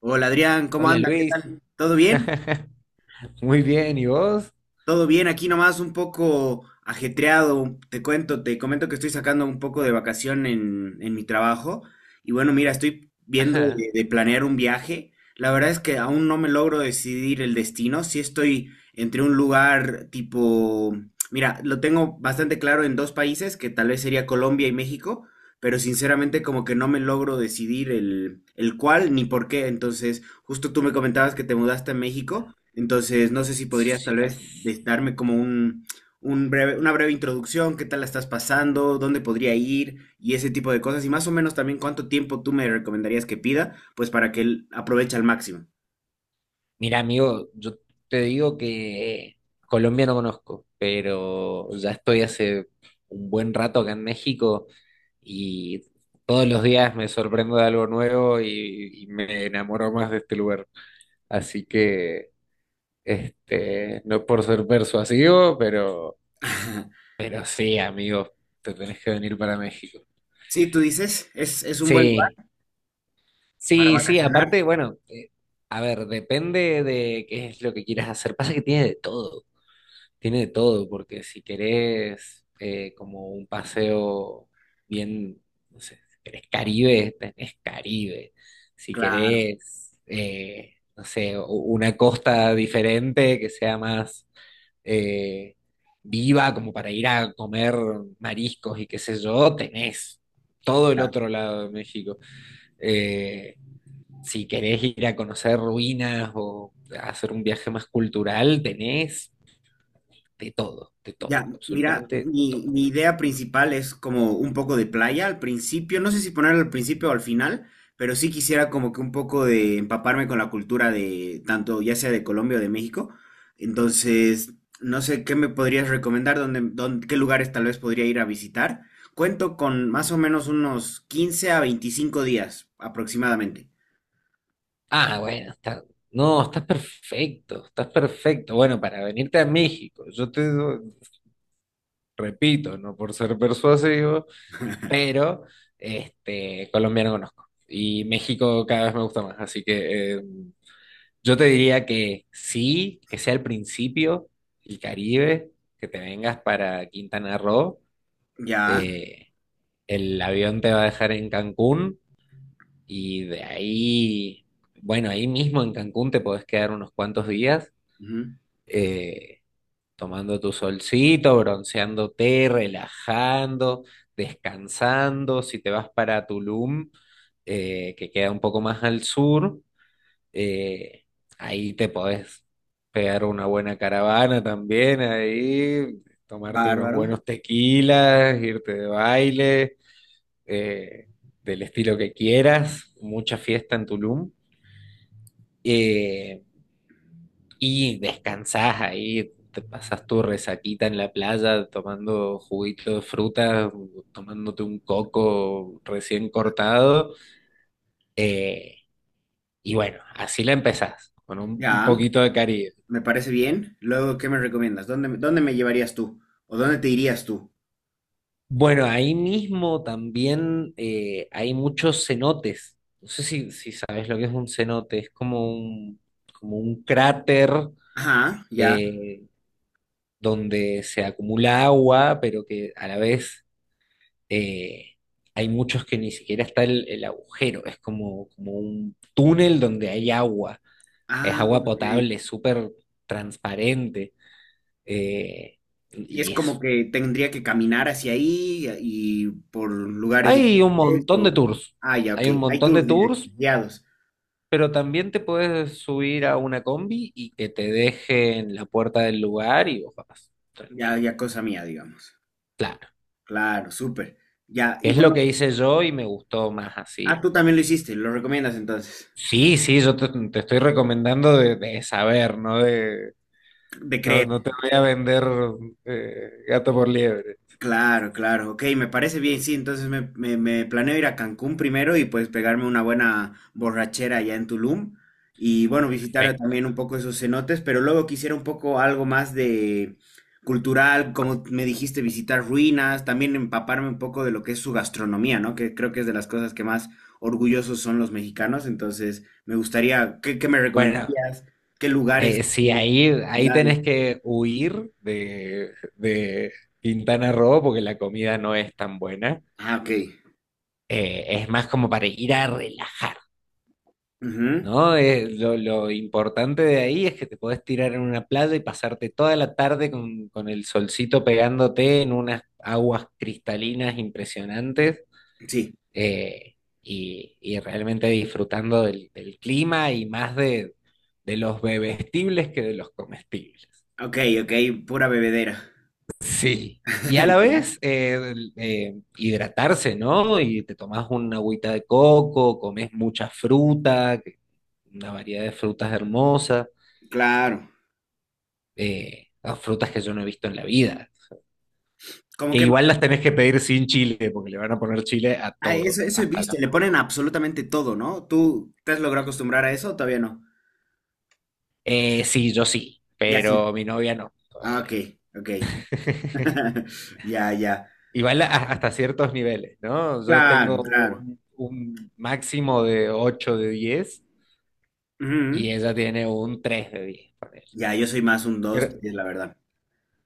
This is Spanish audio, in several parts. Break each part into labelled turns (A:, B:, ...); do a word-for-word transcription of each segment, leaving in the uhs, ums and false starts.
A: Hola Adrián, ¿cómo
B: Hola
A: anda? ¿Qué
B: Luis,
A: tal? ¿Todo bien?
B: muy bien, ¿y vos?
A: Todo bien, aquí nomás un poco ajetreado. Te cuento, te comento que estoy sacando un poco de vacación en, en mi trabajo. Y bueno, mira, estoy viendo
B: Ajá.
A: de, de planear un viaje. La verdad es que aún no me logro decidir el destino. Sí estoy entre un lugar tipo, mira, lo tengo bastante claro en dos países, que tal vez sería Colombia y México, pero sinceramente como que no me logro decidir el, el cuál ni por qué. Entonces, justo tú me comentabas que te mudaste a México. Entonces, no sé si podrías
B: Sí,
A: tal vez
B: pues.
A: des- darme como un, un breve, una breve introducción, qué tal la estás pasando, dónde podría ir y ese tipo de cosas. Y más o menos también cuánto tiempo tú me recomendarías que pida, pues para que él aproveche al máximo.
B: Mira, amigo, yo te digo que Colombia no conozco, pero ya estoy hace un buen rato acá en México y todos los días me sorprendo de algo nuevo y, y me enamoro más de este lugar. Así que, este, no por ser persuasivo, pero, pero sí, amigo, te tenés que venir para México.
A: Sí, tú dices, es, es un buen lugar
B: Sí.
A: para
B: Sí, sí,
A: vacacionar.
B: aparte, bueno, eh, a ver, depende de qué es lo que quieras hacer. Pasa que tiene de todo, tiene de todo, porque si querés eh, como un paseo bien, no sé, si querés Caribe, tenés Caribe. Si
A: Claro, claro.
B: querés, eh, no sé, u- una costa diferente que sea más eh, viva, como para ir a comer mariscos y qué sé yo, tenés todo el otro lado de México. Eh, si querés ir a conocer ruinas o a hacer un viaje más cultural, tenés de todo, de
A: Ya,
B: todo,
A: mira,
B: absolutamente de
A: mi,
B: todo.
A: mi idea principal es como un poco de playa al principio, no sé si ponerlo al principio o al final, pero sí quisiera como que un poco de empaparme con la cultura de tanto ya sea de Colombia o de México. Entonces, no sé qué me podrías recomendar, dónde, dónde- qué lugares tal vez podría ir a visitar. Cuento con más o menos unos quince a veinticinco días aproximadamente.
B: Ah, bueno, está, no, estás perfecto, estás perfecto. Bueno, para venirte a México, yo te do- repito, no por ser persuasivo, pero este, Colombia no conozco. Y México cada vez me gusta más, así que eh, yo te diría que sí, que sea el principio, el Caribe, que te vengas para Quintana Roo
A: Ya,
B: eh, el avión te va a dejar en Cancún y de ahí, bueno, ahí mismo en Cancún te podés quedar unos cuantos días
A: ujú.
B: eh, tomando tu solcito, bronceándote, relajando, descansando. Si te vas para Tulum, eh, que queda un poco más al sur, eh, ahí te podés pegar una buena caravana también, ahí tomarte unos
A: Bárbaro.
B: buenos tequilas, irte de baile eh, del estilo que quieras, mucha fiesta en Tulum, eh, y descansás ahí, te pasas tu resaquita en la playa tomando juguito de fruta, tomándote un coco recién cortado, eh, y bueno, así la empezás, con un, un
A: Ya,
B: poquito de Caribe.
A: me parece bien. Luego, ¿qué me recomiendas? ¿Dónde, dónde me llevarías tú? ¿O dónde te irías tú?
B: Bueno, ahí mismo también eh, hay muchos cenotes. No sé si, si sabes lo que es un cenote, es como un, como un cráter
A: Ajá, ya.
B: eh, donde se acumula agua, pero que a la vez eh, hay muchos que ni siquiera está el, el agujero, es como, como un túnel donde hay agua, es
A: Ah,
B: agua potable,
A: ok.
B: súper transparente, eh,
A: Y es
B: y
A: como
B: es...
A: que tendría que caminar hacia ahí y por lugares
B: Hay un
A: diferentes,
B: montón
A: o-
B: de tours,
A: ah, ya, ok.
B: hay un
A: Hay
B: montón de
A: tours
B: tours,
A: directos, guiados.
B: pero también te puedes subir a una combi y que te dejen la puerta del lugar y vos vas
A: Ya,
B: tranquilo.
A: ya cosa mía, digamos.
B: Claro,
A: Claro, súper. Ya, y
B: es lo
A: bueno,
B: que hice yo y me gustó más
A: ah,
B: así.
A: tú también lo hiciste, lo recomiendas entonces.
B: Sí, sí, yo te, te estoy recomendando de, de saber, ¿no? De,
A: De
B: no, no
A: creer.
B: te voy a vender eh, gato por liebre.
A: Claro, claro, ok, me parece bien, sí, entonces me, me- me planeo ir a Cancún primero y pues pegarme una buena borrachera allá en Tulum y bueno, visitar
B: Perfecto.
A: también un poco esos cenotes, pero luego quisiera un poco algo más de cultural, como me dijiste, visitar ruinas, también empaparme un poco de lo que es su gastronomía, ¿no? Que creo que es de las cosas que más orgullosos son los mexicanos, entonces me gustaría, ¿qué, qué me
B: Bueno,
A: recomendarías? ¿Qué lugares,
B: eh,
A: qué
B: sí, ahí, ahí
A: ciudades?
B: tenés que huir de, de Quintana Roo porque la comida no es tan buena.
A: Ah, ok.
B: Eh, es más como para ir a relajar,
A: Ujú,
B: ¿no? Eh, lo, lo importante de ahí es que te podés tirar en una playa y pasarte toda la tarde con, con el solcito pegándote en unas aguas cristalinas impresionantes
A: sí.
B: eh, y, y realmente disfrutando del, del clima y más de, de los bebestibles que de los comestibles.
A: Ok, ok, pura bebedera.
B: Sí. Y a la
A: Ya,
B: vez eh, eh, hidratarse, ¿no? Y te tomás una agüita de coco, comes mucha fruta, que- una variedad de frutas hermosas,
A: claro.
B: eh, las frutas que yo no he visto en la vida.
A: Como
B: Que
A: que
B: igual las tenés que pedir sin chile, porque le van a poner chile a
A: ah,
B: todo,
A: eso, eso he
B: hasta
A: visto,
B: la
A: le ponen
B: fruta.
A: absolutamente todo, ¿no? ¿Tú te has logrado acostumbrar a eso o todavía no?
B: Eh, sí, yo sí,
A: Ya sí.
B: pero mi novia no,
A: Ah, ok,
B: todavía.
A: ok. Ya, ya.
B: Igual a- hasta ciertos niveles, ¿no? Yo
A: Claro,
B: tengo
A: claro.
B: un, un máximo de ocho de diez
A: Ujú.
B: y ella tiene un tres de diez. Ponele.
A: Ya, yo soy más un dos,
B: Pero,
A: es la verdad.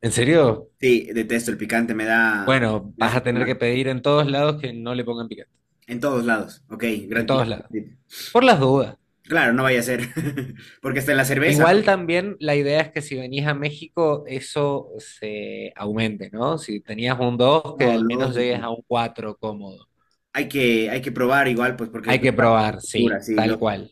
B: ¿en serio?
A: Sí, detesto el picante, me da,
B: Bueno,
A: me
B: vas
A: hace
B: a
A: muy
B: tener que
A: mal.
B: pedir en todos lados que no le pongan picante.
A: En todos lados. Ok,
B: En
A: gran tip,
B: todos
A: gran
B: lados.
A: tip.
B: Por las dudas.
A: Claro, no vaya a ser. Porque está en la cerveza,
B: Igual también la idea es que si venís a México, eso se aumente, ¿no? Si tenías un dos que
A: ¿no? No,
B: al menos llegues a
A: lógico.
B: un cuatro cómodo.
A: Hay que, hay que probar igual, pues, porque es
B: Hay que probar,
A: pura,
B: sí,
A: sí.
B: tal cual.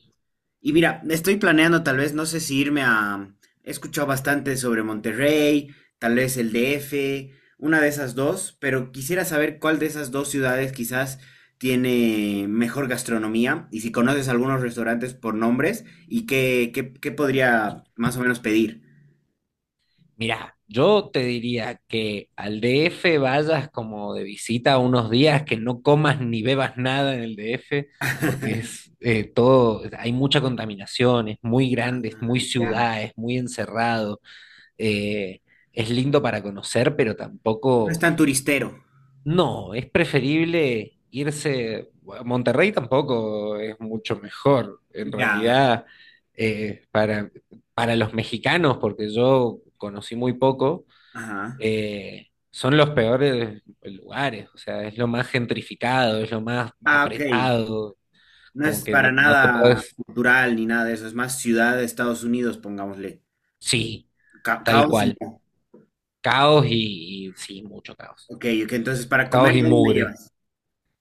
A: Y mira, estoy planeando tal vez, no sé si irme a... He escuchado bastante sobre Monterrey, tal vez el D F, una de esas dos, pero quisiera saber cuál de esas dos ciudades quizás tiene mejor gastronomía y si conoces algunos restaurantes por nombres y qué, qué, qué podría más o menos pedir.
B: Mira, yo te diría que al D F vayas como de visita unos días, que no comas ni bebas nada en el D F, porque es eh, todo, hay mucha contaminación, es muy grande, es
A: Ah,
B: muy
A: ya.
B: ciudad, es muy encerrado, eh, es lindo para conocer, pero
A: No es
B: tampoco,
A: tan turistero.
B: no, es preferible irse, a Monterrey tampoco es mucho mejor, en
A: Ya.
B: realidad, eh, para, para los mexicanos, porque yo conocí muy poco
A: Ajá.
B: eh, son los peores lugares, o sea, es lo más gentrificado, es lo más
A: Ah, ok.
B: apretado,
A: No
B: como
A: es
B: que
A: para
B: no, no te
A: nada
B: puedes,
A: cultural ni nada de eso, es más ciudad de Estados Unidos, pongámosle.
B: sí,
A: Ca-
B: tal
A: caos y
B: cual, caos y, y sí, mucho caos,
A: ok, ok, entonces para
B: caos
A: comer,
B: y
A: ¿dónde me
B: mugre.
A: llevas?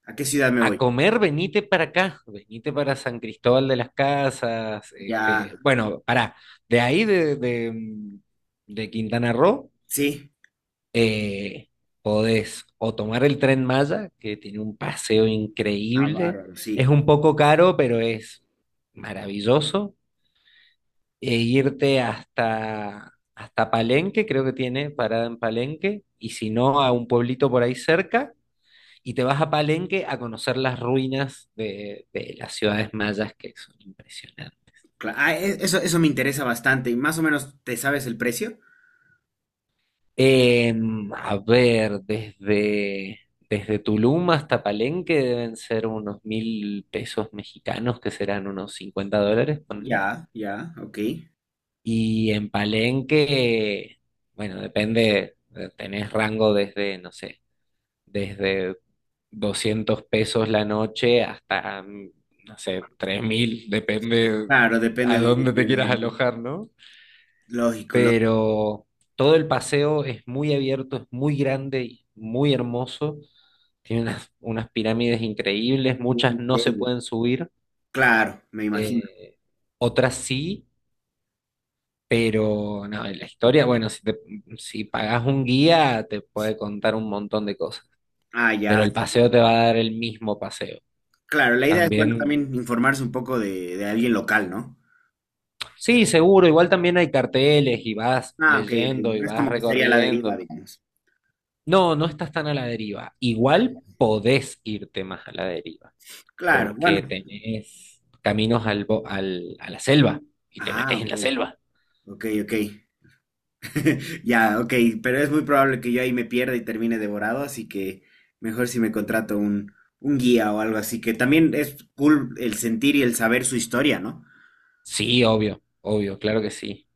A: ¿A qué ciudad me
B: A
A: voy?
B: comer, venite para acá, venite para San Cristóbal de las Casas,
A: Ya,
B: este, bueno, pará, de ahí de, de, mm, de Quintana Roo.
A: sí,
B: Eh, podés o tomar el tren Maya, que tiene un paseo
A: ah,
B: increíble.
A: bárbaro,
B: Es
A: sí.
B: un poco caro, pero es maravilloso. E irte hasta, hasta Palenque, creo que tiene parada en Palenque, y si no, a un pueblito por ahí cerca. Y te vas a Palenque a conocer las ruinas de, de las ciudades mayas, que son impresionantes.
A: Cla- ah, e- eso, eso me interesa bastante. ¿Y más o menos te sabes el precio?
B: Em, a ver, desde, desde Tulum hasta Palenque deben ser unos mil pesos mexicanos, que serán unos cincuenta dólares, ponle.
A: Ya, ya, ok.
B: Y en Palenque, bueno, depende, eh, tenés rango desde, no sé, desde doscientos pesos la noche hasta, mm, no sé, tres mil, depende
A: Claro, depende
B: a
A: de dónde
B: dónde te
A: quieras
B: quieras
A: dormir.
B: alojar, ¿no?
A: Lógico, lógico.
B: Pero todo el paseo es muy abierto, es muy grande y muy hermoso. Tiene unas, unas pirámides increíbles,
A: Un
B: muchas no se
A: hotel.
B: pueden subir,
A: Claro, me imagino.
B: eh, otras sí, pero no, la historia, bueno, si, te, si pagás un guía te puede contar un montón de cosas,
A: Ah,
B: pero
A: ya.
B: el paseo te va a dar el mismo paseo.
A: Claro, la idea es, bueno,
B: También,
A: también informarse un poco de, de alguien local, ¿no?
B: sí, seguro, igual también hay carteles y vas
A: Ah, ok, ok.
B: leyendo y
A: No es
B: vas
A: como que sería la deriva,
B: recorriendo.
A: digamos.
B: No, no estás tan a la deriva. Igual podés irte más a la deriva,
A: Claro, bueno.
B: porque tenés caminos al, bo- al- a la selva y te
A: Ah,
B: metes en
A: ok,
B: la selva.
A: ok, ok. Ya, ok, pero es muy probable que yo ahí me pierda y termine devorado, así que mejor si me contrato un, un guía o algo así, que también es cool el sentir y el saber su historia, ¿no?
B: Sí, obvio, obvio, claro que sí.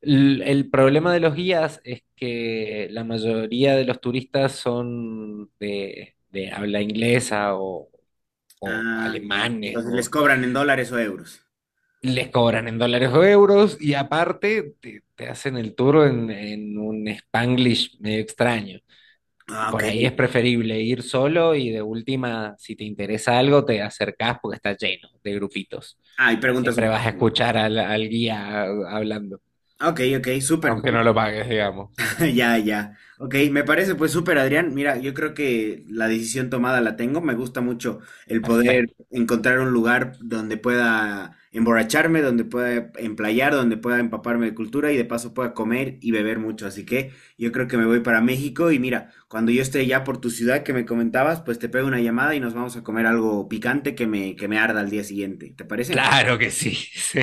B: L- el problema de los guías es que la mayoría de los turistas son de, de habla inglesa o, o
A: Ah, ya.
B: alemanes,
A: Entonces les
B: o
A: cobran en dólares o euros.
B: les cobran en dólares o euros y aparte te, te hacen el tour en, en un Spanglish medio extraño.
A: Ah, ok.
B: Por ahí es preferible ir solo y de última, si te interesa algo, te acercás porque está lleno de grupitos.
A: Ah, y preguntas un
B: Siempre vas a
A: poquito.
B: escuchar al, al guía hablando,
A: Ok, ok, súper.
B: aunque no lo pagues, digamos.
A: Ya, ya. Ok, me parece pues súper, Adrián. Mira, yo creo que la decisión tomada la tengo. Me gusta mucho el poder
B: Perfecto.
A: encontrar un lugar donde pueda emborracharme, donde pueda emplayar, donde pueda empaparme de cultura y de paso pueda comer y beber mucho. Así que yo creo que me voy para México y mira, cuando yo esté ya por tu ciudad que me comentabas, pues te pego una llamada y nos vamos a comer algo picante que me, que me arda al día siguiente. ¿Te parece?
B: Claro que sí. Sí.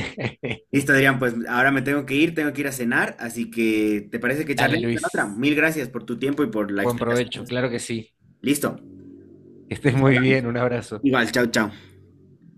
A: Listo, Adrián, pues ahora me tengo que ir, tengo que ir a cenar, así que ¿te parece que
B: Dale,
A: charlemos en otra?
B: Luis.
A: Mil gracias por tu tiempo y por la
B: Buen
A: explicación.
B: provecho. Claro que sí.
A: Listo,
B: Que estés
A: nos
B: muy bien.
A: hablamos.
B: Un abrazo.
A: Igual, chao, chao.